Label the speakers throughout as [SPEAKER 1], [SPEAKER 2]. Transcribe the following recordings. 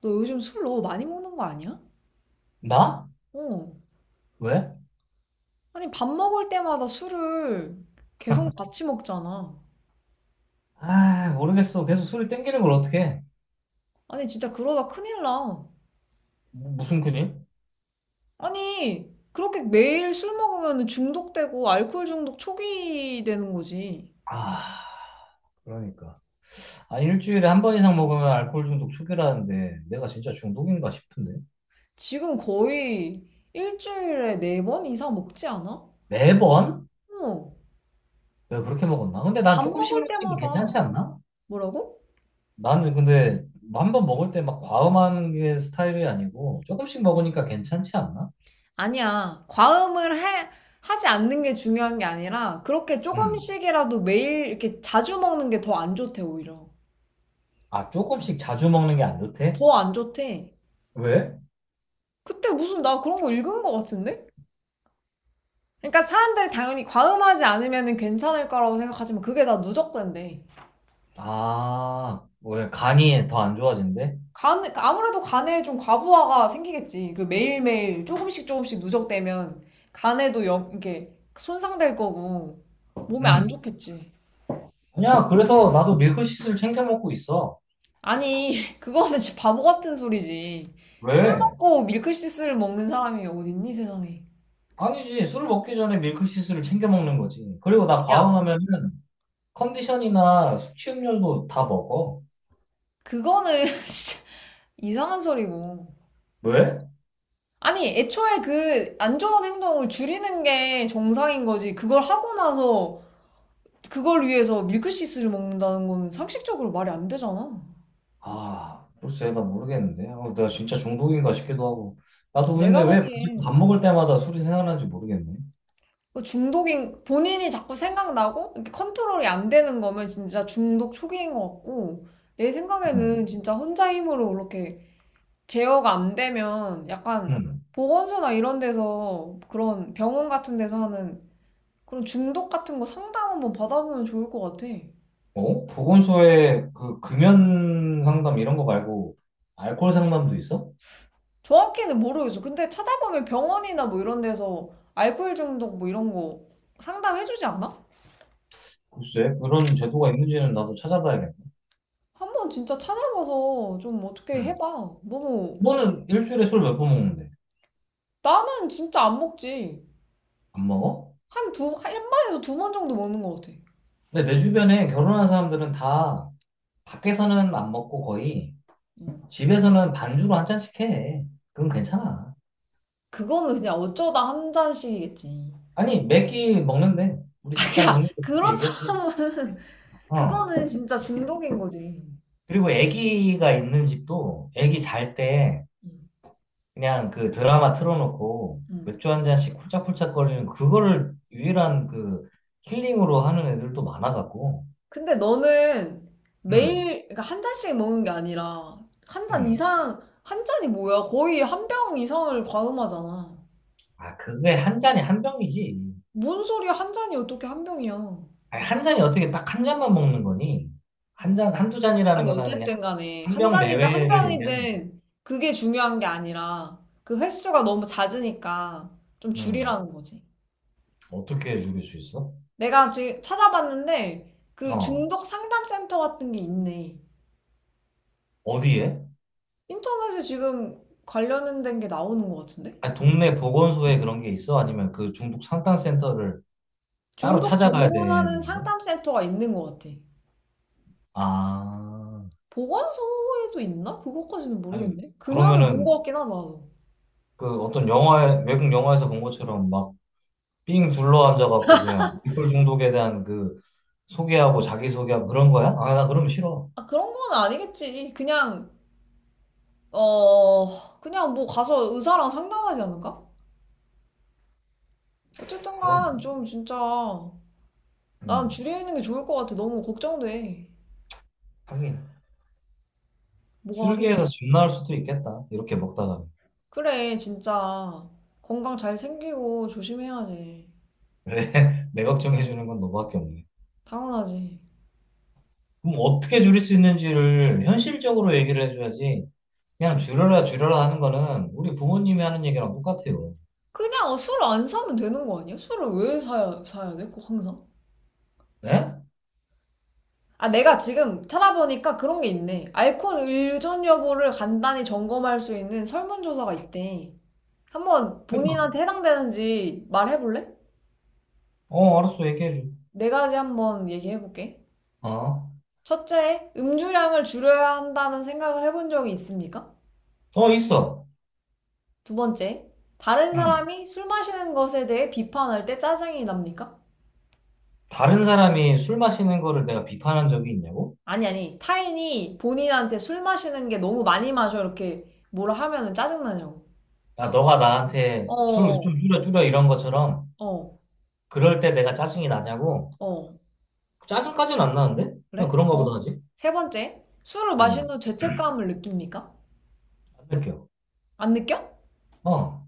[SPEAKER 1] 너 요즘 술 너무 많이 먹는 거 아니야?
[SPEAKER 2] 나?
[SPEAKER 1] 어.
[SPEAKER 2] 왜?
[SPEAKER 1] 아니, 밥 먹을 때마다 술을 계속 같이 먹잖아.
[SPEAKER 2] 아, 모르겠어. 계속 술이 땡기는 걸 어떻게.
[SPEAKER 1] 아니, 진짜 그러다 큰일 나.
[SPEAKER 2] 무슨 큰일?
[SPEAKER 1] 아니, 그렇게 매일 술 먹으면 중독되고 알코올 중독 초기 되는 거지.
[SPEAKER 2] 아, 그러니까. 아, 일주일에 한 번 이상 먹으면 알코올 중독 초기라는데 내가 진짜 중독인가 싶은데.
[SPEAKER 1] 지금 거의 일주일에 네 번 이상 먹지 않아?
[SPEAKER 2] 매번?
[SPEAKER 1] 어.
[SPEAKER 2] 왜 그렇게 먹었나? 근데 난
[SPEAKER 1] 밥
[SPEAKER 2] 조금씩
[SPEAKER 1] 먹을
[SPEAKER 2] 먹는 게 괜찮지
[SPEAKER 1] 때마다.
[SPEAKER 2] 않나?
[SPEAKER 1] 뭐라고?
[SPEAKER 2] 나는 근데 한 번 먹을 때 막 과음하는 게 스타일이 아니고 조금씩 먹으니까 괜찮지 않나?
[SPEAKER 1] 아니야. 과음을 해, 하지 않는 게 중요한 게 아니라 그렇게
[SPEAKER 2] 음.
[SPEAKER 1] 조금씩이라도 매일 이렇게 자주 먹는 게 더 안 좋대 오히려.
[SPEAKER 2] 아, 조금씩 자주 먹는 게 안 좋대?
[SPEAKER 1] 더 안 좋대.
[SPEAKER 2] 왜?
[SPEAKER 1] 그때 무슨 나 그런 거 읽은 거 같은데? 그러니까 사람들이 당연히 과음하지 않으면 괜찮을 거라고 생각하지만 그게 다 누적된대.
[SPEAKER 2] 아, 왜 간이 더 안 좋아진대?
[SPEAKER 1] 간, 아무래도 간에 좀 과부하가 생기겠지. 그 매일매일 조금씩 조금씩 누적되면 간에도 영, 이게 손상될 거고 몸에 안
[SPEAKER 2] 응.
[SPEAKER 1] 좋겠지.
[SPEAKER 2] 아니야, 그래서 나도 밀크시슬 챙겨 먹고 있어.
[SPEAKER 1] 아니, 그거는 진짜 바보 같은 소리지. 술
[SPEAKER 2] 왜?
[SPEAKER 1] 먹고 밀크시스를 먹는 사람이 어딨니 세상에.
[SPEAKER 2] 아니지, 술 먹기 전에 밀크시슬을 챙겨 먹는 거지. 그리고 나
[SPEAKER 1] 야,
[SPEAKER 2] 과음하면은 컨디션이나 숙취음료도 다 먹어.
[SPEAKER 1] 그거는 진짜 이상한 소리고.
[SPEAKER 2] 왜?
[SPEAKER 1] 아니, 애초에 그 안 좋은 행동을 줄이는 게 정상인 거지. 그걸 하고 나서 그걸 위해서 밀크시스를 먹는다는 거는 상식적으로 말이 안 되잖아.
[SPEAKER 2] 아, 글쎄, 나 모르겠는데. 어, 나 진짜 중독인가 싶기도 하고. 나도
[SPEAKER 1] 내가
[SPEAKER 2] 근데 왜
[SPEAKER 1] 보기엔
[SPEAKER 2] 밥 먹을 때마다 술이 생각나는지 모르겠네.
[SPEAKER 1] 그 중독인 본인이 자꾸 생각나고 이렇게 컨트롤이 안 되는 거면 진짜 중독 초기인 것 같고 내 생각에는
[SPEAKER 2] 음.
[SPEAKER 1] 진짜 혼자 힘으로 이렇게 제어가 안 되면 약간
[SPEAKER 2] 음.
[SPEAKER 1] 보건소나 이런 데서 그런 병원 같은 데서 하는 그런 중독 같은 거 상담 한번 받아보면 좋을 것 같아.
[SPEAKER 2] 어? 보건소에 그 금연 상담 이런 거 말고 알코올 상담도 있어?
[SPEAKER 1] 정확히는 모르겠어. 근데 찾아보면 병원이나 뭐 이런 데서 알코올 중독 뭐 이런 거 상담해주지 않아?
[SPEAKER 2] 글쎄. 그런 제도가 있는지는 나도 찾아봐야겠네.
[SPEAKER 1] 한번 진짜 찾아봐서 좀 어떻게
[SPEAKER 2] 음.
[SPEAKER 1] 해봐. 너무
[SPEAKER 2] 너는 일주일에 술 몇 번 먹는데?
[SPEAKER 1] 나는 진짜 안 먹지.
[SPEAKER 2] 안 먹어?
[SPEAKER 1] 한 두, 한 번에서 두 번 정도 먹는 것 같아.
[SPEAKER 2] 근데 내 주변에 결혼한 사람들은 다 밖에서는 안 먹고 거의
[SPEAKER 1] 어.
[SPEAKER 2] 집에서는 반주로 한 잔씩 해. 그건 괜찮아.
[SPEAKER 1] 그거는 그냥 어쩌다 한 잔씩이겠지.
[SPEAKER 2] 아니, 매끼 먹는데. 우리 직장
[SPEAKER 1] 야,
[SPEAKER 2] 동료도 그렇게
[SPEAKER 1] 그런
[SPEAKER 2] 얘기했어.
[SPEAKER 1] 사람은
[SPEAKER 2] 어.
[SPEAKER 1] 그거는 진짜 중독인 거지.
[SPEAKER 2] 그리고 애기가 있는 집도
[SPEAKER 1] 응,
[SPEAKER 2] 애기 잘 때
[SPEAKER 1] 응,
[SPEAKER 2] 그냥 그 드라마 틀어놓고
[SPEAKER 1] 응.
[SPEAKER 2] 맥주 한 잔씩 홀짝홀짝 거리는 그거를 유일한 그 힐링으로 하는 애들도 많아갖고.
[SPEAKER 1] 근데 너는
[SPEAKER 2] 음,
[SPEAKER 1] 매일, 그러니까 한 잔씩 먹는 게 아니라, 한 잔
[SPEAKER 2] 음.
[SPEAKER 1] 이상, 한 잔이 뭐야? 거의 한 병 이상을 과음하잖아.
[SPEAKER 2] 아, 그게 한 잔에 한 병이지.
[SPEAKER 1] 뭔 소리야? 한 잔이 어떻게 한 병이야?
[SPEAKER 2] 아니, 한 잔이 어떻게 딱 한 잔만 먹는 거니? 한 잔, 한 두 잔이라는
[SPEAKER 1] 아니,
[SPEAKER 2] 거는 그냥
[SPEAKER 1] 어쨌든 간에,
[SPEAKER 2] 한
[SPEAKER 1] 한
[SPEAKER 2] 병
[SPEAKER 1] 잔이든 한
[SPEAKER 2] 내외를 얘기하는 거지.
[SPEAKER 1] 병이든, 그게 중요한 게 아니라, 그 횟수가 너무 잦으니까, 좀
[SPEAKER 2] 음,
[SPEAKER 1] 줄이라는 거지.
[SPEAKER 2] 어떻게 줄일 수 있어?
[SPEAKER 1] 내가 지금 찾아봤는데, 그
[SPEAKER 2] 어,
[SPEAKER 1] 중독 상담 센터 같은 게 있네.
[SPEAKER 2] 어디에?
[SPEAKER 1] 인터넷에 지금 관련된 게 나오는 것 같은데?
[SPEAKER 2] 아니, 동네 보건소에 그런 게 있어? 아니면 그 중독 상담센터를 따로
[SPEAKER 1] 중독
[SPEAKER 2] 찾아가야 되는
[SPEAKER 1] 전문하는
[SPEAKER 2] 거야?
[SPEAKER 1] 상담센터가 있는 것 같아.
[SPEAKER 2] 아,
[SPEAKER 1] 보건소에도 있나? 그것까지는
[SPEAKER 2] 아니,
[SPEAKER 1] 모르겠네. 금연은 본 것
[SPEAKER 2] 그러면은
[SPEAKER 1] 같긴 하다. 나도.
[SPEAKER 2] 그 어떤 영화에, 외국 영화에서 본 것처럼 막 삥 둘러 앉아갖고 그냥 알코올 중독에 대한 그 소개하고 자기소개하고 그런 거야? 아, 나 그러면 싫어.
[SPEAKER 1] 아, 그런 건 아니겠지. 그냥, 그냥 뭐 가서 의사랑 상담하지 않을까? 어쨌든
[SPEAKER 2] 그런 거.
[SPEAKER 1] 간 좀 진짜 난
[SPEAKER 2] 음,
[SPEAKER 1] 줄이는 게 좋을 것 같아. 너무 걱정돼.
[SPEAKER 2] 하긴.
[SPEAKER 1] 뭐가 하겠냐.
[SPEAKER 2] 슬기에서 쥐 나올 수도 있겠다. 이렇게 먹다가.
[SPEAKER 1] 그래, 진짜. 건강 잘 챙기고 조심해야지.
[SPEAKER 2] 그래, 내 걱정해주는 건 너밖에 없네.
[SPEAKER 1] 당연하지.
[SPEAKER 2] 그럼 어떻게 줄일 수 있는지를 현실적으로 얘기를 해줘야지. 그냥
[SPEAKER 1] 응.
[SPEAKER 2] 줄여라, 줄여라 하는 거는 우리 부모님이 하는 얘기랑 똑같아요.
[SPEAKER 1] 그냥 술 안 사면 되는 거 아니야? 술을 왜 사야, 사야 돼? 꼭 항상?
[SPEAKER 2] 네?
[SPEAKER 1] 아, 내가 지금 찾아보니까 그런 게 있네. 알코올 의존 여부를 간단히 점검할 수 있는 설문조사가 있대. 한번 본인한테 해당되는지 말해볼래?
[SPEAKER 2] 어, 알았어, 얘기해줘.
[SPEAKER 1] 네 가지 한번 얘기해볼게.
[SPEAKER 2] 어?
[SPEAKER 1] 첫째, 음주량을 줄여야 한다는 생각을 해본 적이 있습니까?
[SPEAKER 2] 어, 있어.
[SPEAKER 1] 두 번째, 다른
[SPEAKER 2] 응.
[SPEAKER 1] 사람이 술 마시는 것에 대해 비판할 때 짜증이 납니까?
[SPEAKER 2] 다른 사람이 술 마시는 거를 내가 비판한 적이 있냐고?
[SPEAKER 1] 아니, 아니, 타인이 본인한테 술 마시는 게 너무 많이 마셔 이렇게 뭐라 하면은 짜증나냐고.
[SPEAKER 2] 야, 너가 나한테 술을 좀
[SPEAKER 1] 어,
[SPEAKER 2] 줄여, 줄여 이런 것처럼
[SPEAKER 1] 어,
[SPEAKER 2] 그럴 때 내가 짜증이 나냐고?
[SPEAKER 1] 어.
[SPEAKER 2] 짜증까지는 안 나는데? 그냥
[SPEAKER 1] 그래?
[SPEAKER 2] 그런가 보다
[SPEAKER 1] 어.
[SPEAKER 2] 하지.
[SPEAKER 1] 세 번째, 술을 마신
[SPEAKER 2] 응.
[SPEAKER 1] 후 죄책감을 느낍니까?
[SPEAKER 2] 안 느껴.
[SPEAKER 1] 안 느껴?
[SPEAKER 2] 어.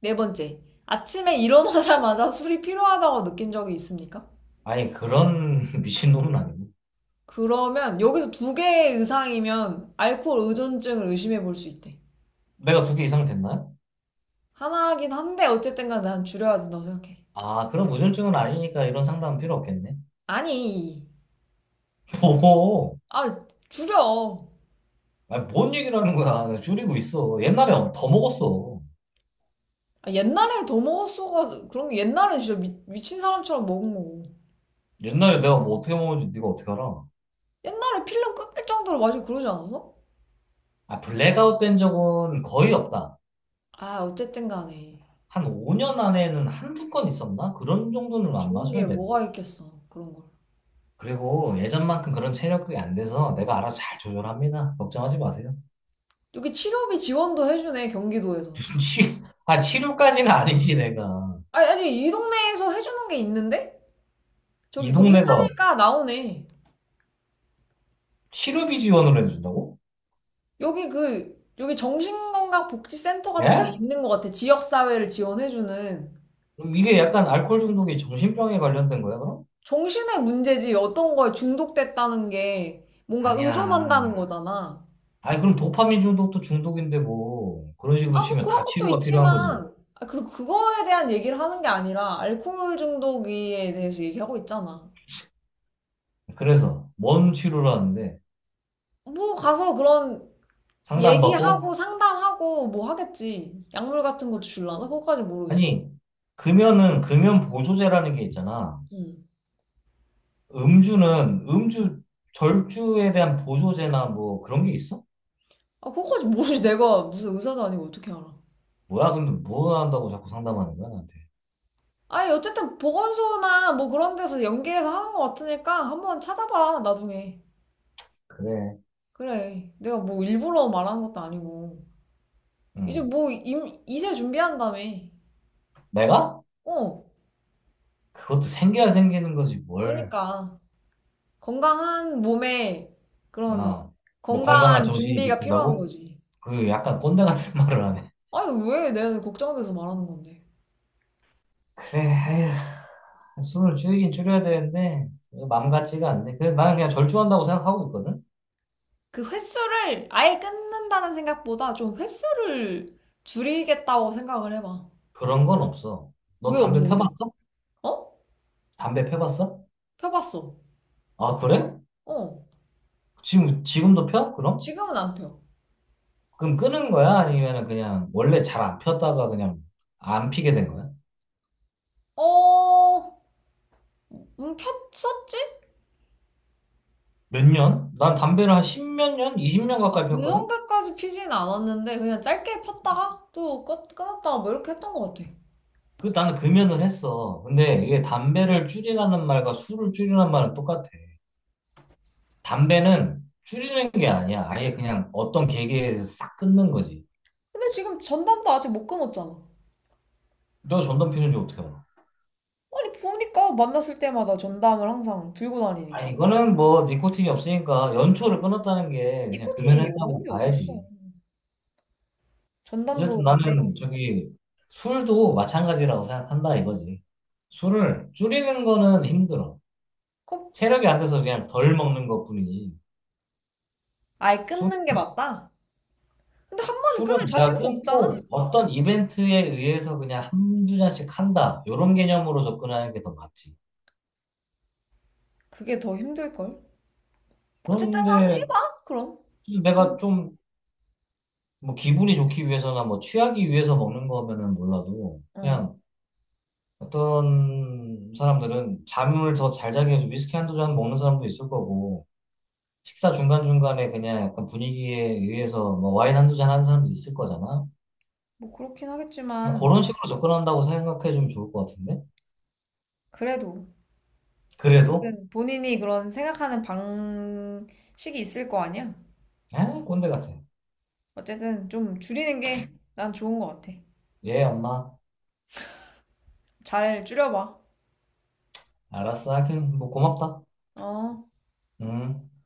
[SPEAKER 1] 네 번째, 아침에 일어나자마자 술이 필요하다고 느낀 적이 있습니까?
[SPEAKER 2] 아니, 그런 미친놈은 아니고.
[SPEAKER 1] 그러면 여기서 두 개의 이상이면 알코올 의존증을 의심해 볼 수 있대.
[SPEAKER 2] 내가 두 개 이상 됐나요?
[SPEAKER 1] 하나긴 한데 어쨌든 간에 난 줄여야 된다고 생각해.
[SPEAKER 2] 아, 그럼 우울증은 아니니까 이런 상담은 필요 없겠네.
[SPEAKER 1] 아니, 있지.
[SPEAKER 2] 뭐,
[SPEAKER 1] 아, 줄여.
[SPEAKER 2] 아니, 뭔 얘기를 하는 거야. 내가 줄이고 있어. 옛날에 더 먹었어.
[SPEAKER 1] 아, 옛날에 더 먹었어가 그런 게 옛날에 진짜 미친 사람처럼 먹은 거고.
[SPEAKER 2] 옛날에 내가 뭐 어떻게 먹었는지 네가 어떻게 알아?
[SPEAKER 1] 옛날에 필름 끊길 정도로 마시고 그러지 않았어?
[SPEAKER 2] 아, 블랙아웃 된 적은 거의 없다.
[SPEAKER 1] 아, 어쨌든 간에.
[SPEAKER 2] 한 5년 안에는 한두 건 있었나? 그런 정도는 안
[SPEAKER 1] 좋은 게
[SPEAKER 2] 마셔도 돼.
[SPEAKER 1] 뭐가 있겠어, 그런 걸.
[SPEAKER 2] 그리고 예전만큼 그런 체력이 안 돼서 내가 알아서 잘 조절합니다. 걱정하지 마세요.
[SPEAKER 1] 여기 치료비 지원도 해주네, 경기도에서.
[SPEAKER 2] 무슨 치, 아, 치료까지는 아니지, 내가.
[SPEAKER 1] 아니, 아니, 이 동네에서 해주는 게 있는데?
[SPEAKER 2] 이
[SPEAKER 1] 저기
[SPEAKER 2] 동네가
[SPEAKER 1] 검색하니까 나오네.
[SPEAKER 2] 치료비 지원을 해준다고?
[SPEAKER 1] 여기 그, 여기 정신건강복지센터 같은 게
[SPEAKER 2] 예?
[SPEAKER 1] 있는 것 같아. 지역사회를 지원해주는.
[SPEAKER 2] 그럼 이게 약간 알코올 중독이 정신병에 관련된 거야, 그럼?
[SPEAKER 1] 정신의 문제지, 어떤 거에 중독됐다는 게 뭔가 의존한다는
[SPEAKER 2] 아니야.
[SPEAKER 1] 거잖아.
[SPEAKER 2] 아니, 그럼 도파민 중독도 중독인데 뭐 그런 식으로
[SPEAKER 1] 아, 뭐
[SPEAKER 2] 치면 다
[SPEAKER 1] 그런 것도
[SPEAKER 2] 치료가 필요한 거지.
[SPEAKER 1] 있지만, 아, 그, 그거에 대한 얘기를 하는 게 아니라, 알코올 중독에 대해서 얘기하고 있잖아.
[SPEAKER 2] 그래서 뭔 치료를 하는데
[SPEAKER 1] 뭐 가서 그런
[SPEAKER 2] 상담받고?
[SPEAKER 1] 얘기하고 상담하고 뭐 하겠지. 약물 같은 것도 줄라나? 그거까지 모르겠어.
[SPEAKER 2] 아니, 금연은 금연 보조제라는 게 있잖아.
[SPEAKER 1] 응.
[SPEAKER 2] 음주는 음주 절주에 대한 보조제나 뭐 그런 게 있어?
[SPEAKER 1] 아, 그거까지 모르지. 내가 무슨 의사도 아니고 어떻게 알아.
[SPEAKER 2] 뭐야, 근데 뭐 한다고 자꾸 상담하는 거야, 나한테.
[SPEAKER 1] 아니, 어쨌든 보건소나 뭐 그런 데서 연계해서 하는 것 같으니까 한번 찾아봐, 나중에.
[SPEAKER 2] 그래.
[SPEAKER 1] 그래. 내가 뭐 일부러 말하는 것도 아니고. 이제
[SPEAKER 2] 응.
[SPEAKER 1] 뭐 이세 준비한다며.
[SPEAKER 2] 내가?
[SPEAKER 1] 어.
[SPEAKER 2] 그것도 생겨야 생기는 거지, 뭘.
[SPEAKER 1] 그러니까. 건강한 몸에 그런
[SPEAKER 2] 어, 뭐 건강한
[SPEAKER 1] 건강한
[SPEAKER 2] 정신이
[SPEAKER 1] 준비가 필요한
[SPEAKER 2] 깃든다고?
[SPEAKER 1] 거지.
[SPEAKER 2] 그 약간 꼰대 같은 말을 하네.
[SPEAKER 1] 아니, 왜 내가 걱정돼서 말하는 건데.
[SPEAKER 2] 그래, 에휴, 술을 줄이긴 줄여야 되는데 맘 같지가 않네. 그래, 나는 그냥 절주한다고 생각하고 있거든.
[SPEAKER 1] 그 횟수를 아예 끊는다는 생각보다 좀 횟수를 줄이겠다고 생각을 해봐.
[SPEAKER 2] 그런 건 없어. 너
[SPEAKER 1] 왜
[SPEAKER 2] 담배
[SPEAKER 1] 없는데?
[SPEAKER 2] 펴봤어?
[SPEAKER 1] 어?
[SPEAKER 2] 담배 펴봤어?
[SPEAKER 1] 펴봤어.
[SPEAKER 2] 아, 그래?
[SPEAKER 1] 어.
[SPEAKER 2] 지금도 펴? 그럼?
[SPEAKER 1] 지금은 안 펴.
[SPEAKER 2] 그럼 끊은 거야? 아니면 그냥 원래 잘 안 폈다가 그냥 안 피게 된 거야?
[SPEAKER 1] 어, 폈었지?
[SPEAKER 2] 몇 년? 난 담배를 한 십몇 년, 20년
[SPEAKER 1] 아,
[SPEAKER 2] 가까이
[SPEAKER 1] 그
[SPEAKER 2] 폈거든.
[SPEAKER 1] 정도까지 피진 않았는데, 그냥 짧게 폈다가 또 끊었다가 뭐 이렇게 했던 것 같아.
[SPEAKER 2] 그 나는 금연을 했어. 근데 이게 담배를 줄이라는 말과 술을 줄이라는 말은 똑같아. 담배는 줄이는 게 아니야. 아예 그냥 어떤 계기에서 싹 끊는 거지.
[SPEAKER 1] 근데 지금 전담도 아직 못 끊었잖아.
[SPEAKER 2] 너 전담 피우는지 어떻게 알아?
[SPEAKER 1] 아니, 보니까 만났을 때마다 전담을 항상 들고
[SPEAKER 2] 아,
[SPEAKER 1] 다니니까.
[SPEAKER 2] 이거는 뭐 니코틴이 없으니까 연초를 끊었다는 게 그냥
[SPEAKER 1] 니코틴이 없는
[SPEAKER 2] 금연했다고
[SPEAKER 1] 게 어딨어.
[SPEAKER 2] 봐야지.
[SPEAKER 1] 전담도
[SPEAKER 2] 어쨌든
[SPEAKER 1] 담배지.
[SPEAKER 2] 나는 저기 술도 마찬가지라고 생각한다 이거지. 술을 줄이는 거는 힘들어.
[SPEAKER 1] 그럼
[SPEAKER 2] 체력이 안 돼서 그냥 덜 먹는 것뿐이지.
[SPEAKER 1] 아예 끊는 게 맞다? 근데 한 번에 끊을
[SPEAKER 2] 술은 내가
[SPEAKER 1] 자신도 없잖아.
[SPEAKER 2] 끊고 어떤 이벤트에 의해서 그냥 한두 잔씩 한다. 이런 개념으로 접근하는 게 더 맞지.
[SPEAKER 1] 그게 더 힘들걸? 어쨌든 한번
[SPEAKER 2] 그런데
[SPEAKER 1] 해봐, 그럼.
[SPEAKER 2] 내가
[SPEAKER 1] 음.
[SPEAKER 2] 좀 뭐 기분이 좋기 위해서나 뭐 취하기 위해서 먹는 거면은 몰라도
[SPEAKER 1] 어,
[SPEAKER 2] 그냥 어떤 사람들은 잠을 더 잘 자기 위해서 위스키 한두 잔 먹는 사람도 있을 거고 식사 중간중간에 그냥 약간 분위기에 의해서 뭐 와인 한두 잔 하는 사람도 있을 거잖아.
[SPEAKER 1] 뭐 그렇긴
[SPEAKER 2] 그냥
[SPEAKER 1] 하겠지만,
[SPEAKER 2] 그런 식으로 접근한다고 생각해 주면 좋을 것 같은데?
[SPEAKER 1] 그래도.
[SPEAKER 2] 그래도?
[SPEAKER 1] 어쨌든 본인이 그런 생각하는 방식이 있을 거 아니야?
[SPEAKER 2] 에 꼰대 같아.
[SPEAKER 1] 어쨌든 좀 줄이는 게 난 좋은 것 같아.
[SPEAKER 2] 예, 엄마.
[SPEAKER 1] 잘 줄여봐.
[SPEAKER 2] 알았어. 하여튼 뭐 고맙다.
[SPEAKER 1] 어.
[SPEAKER 2] 음.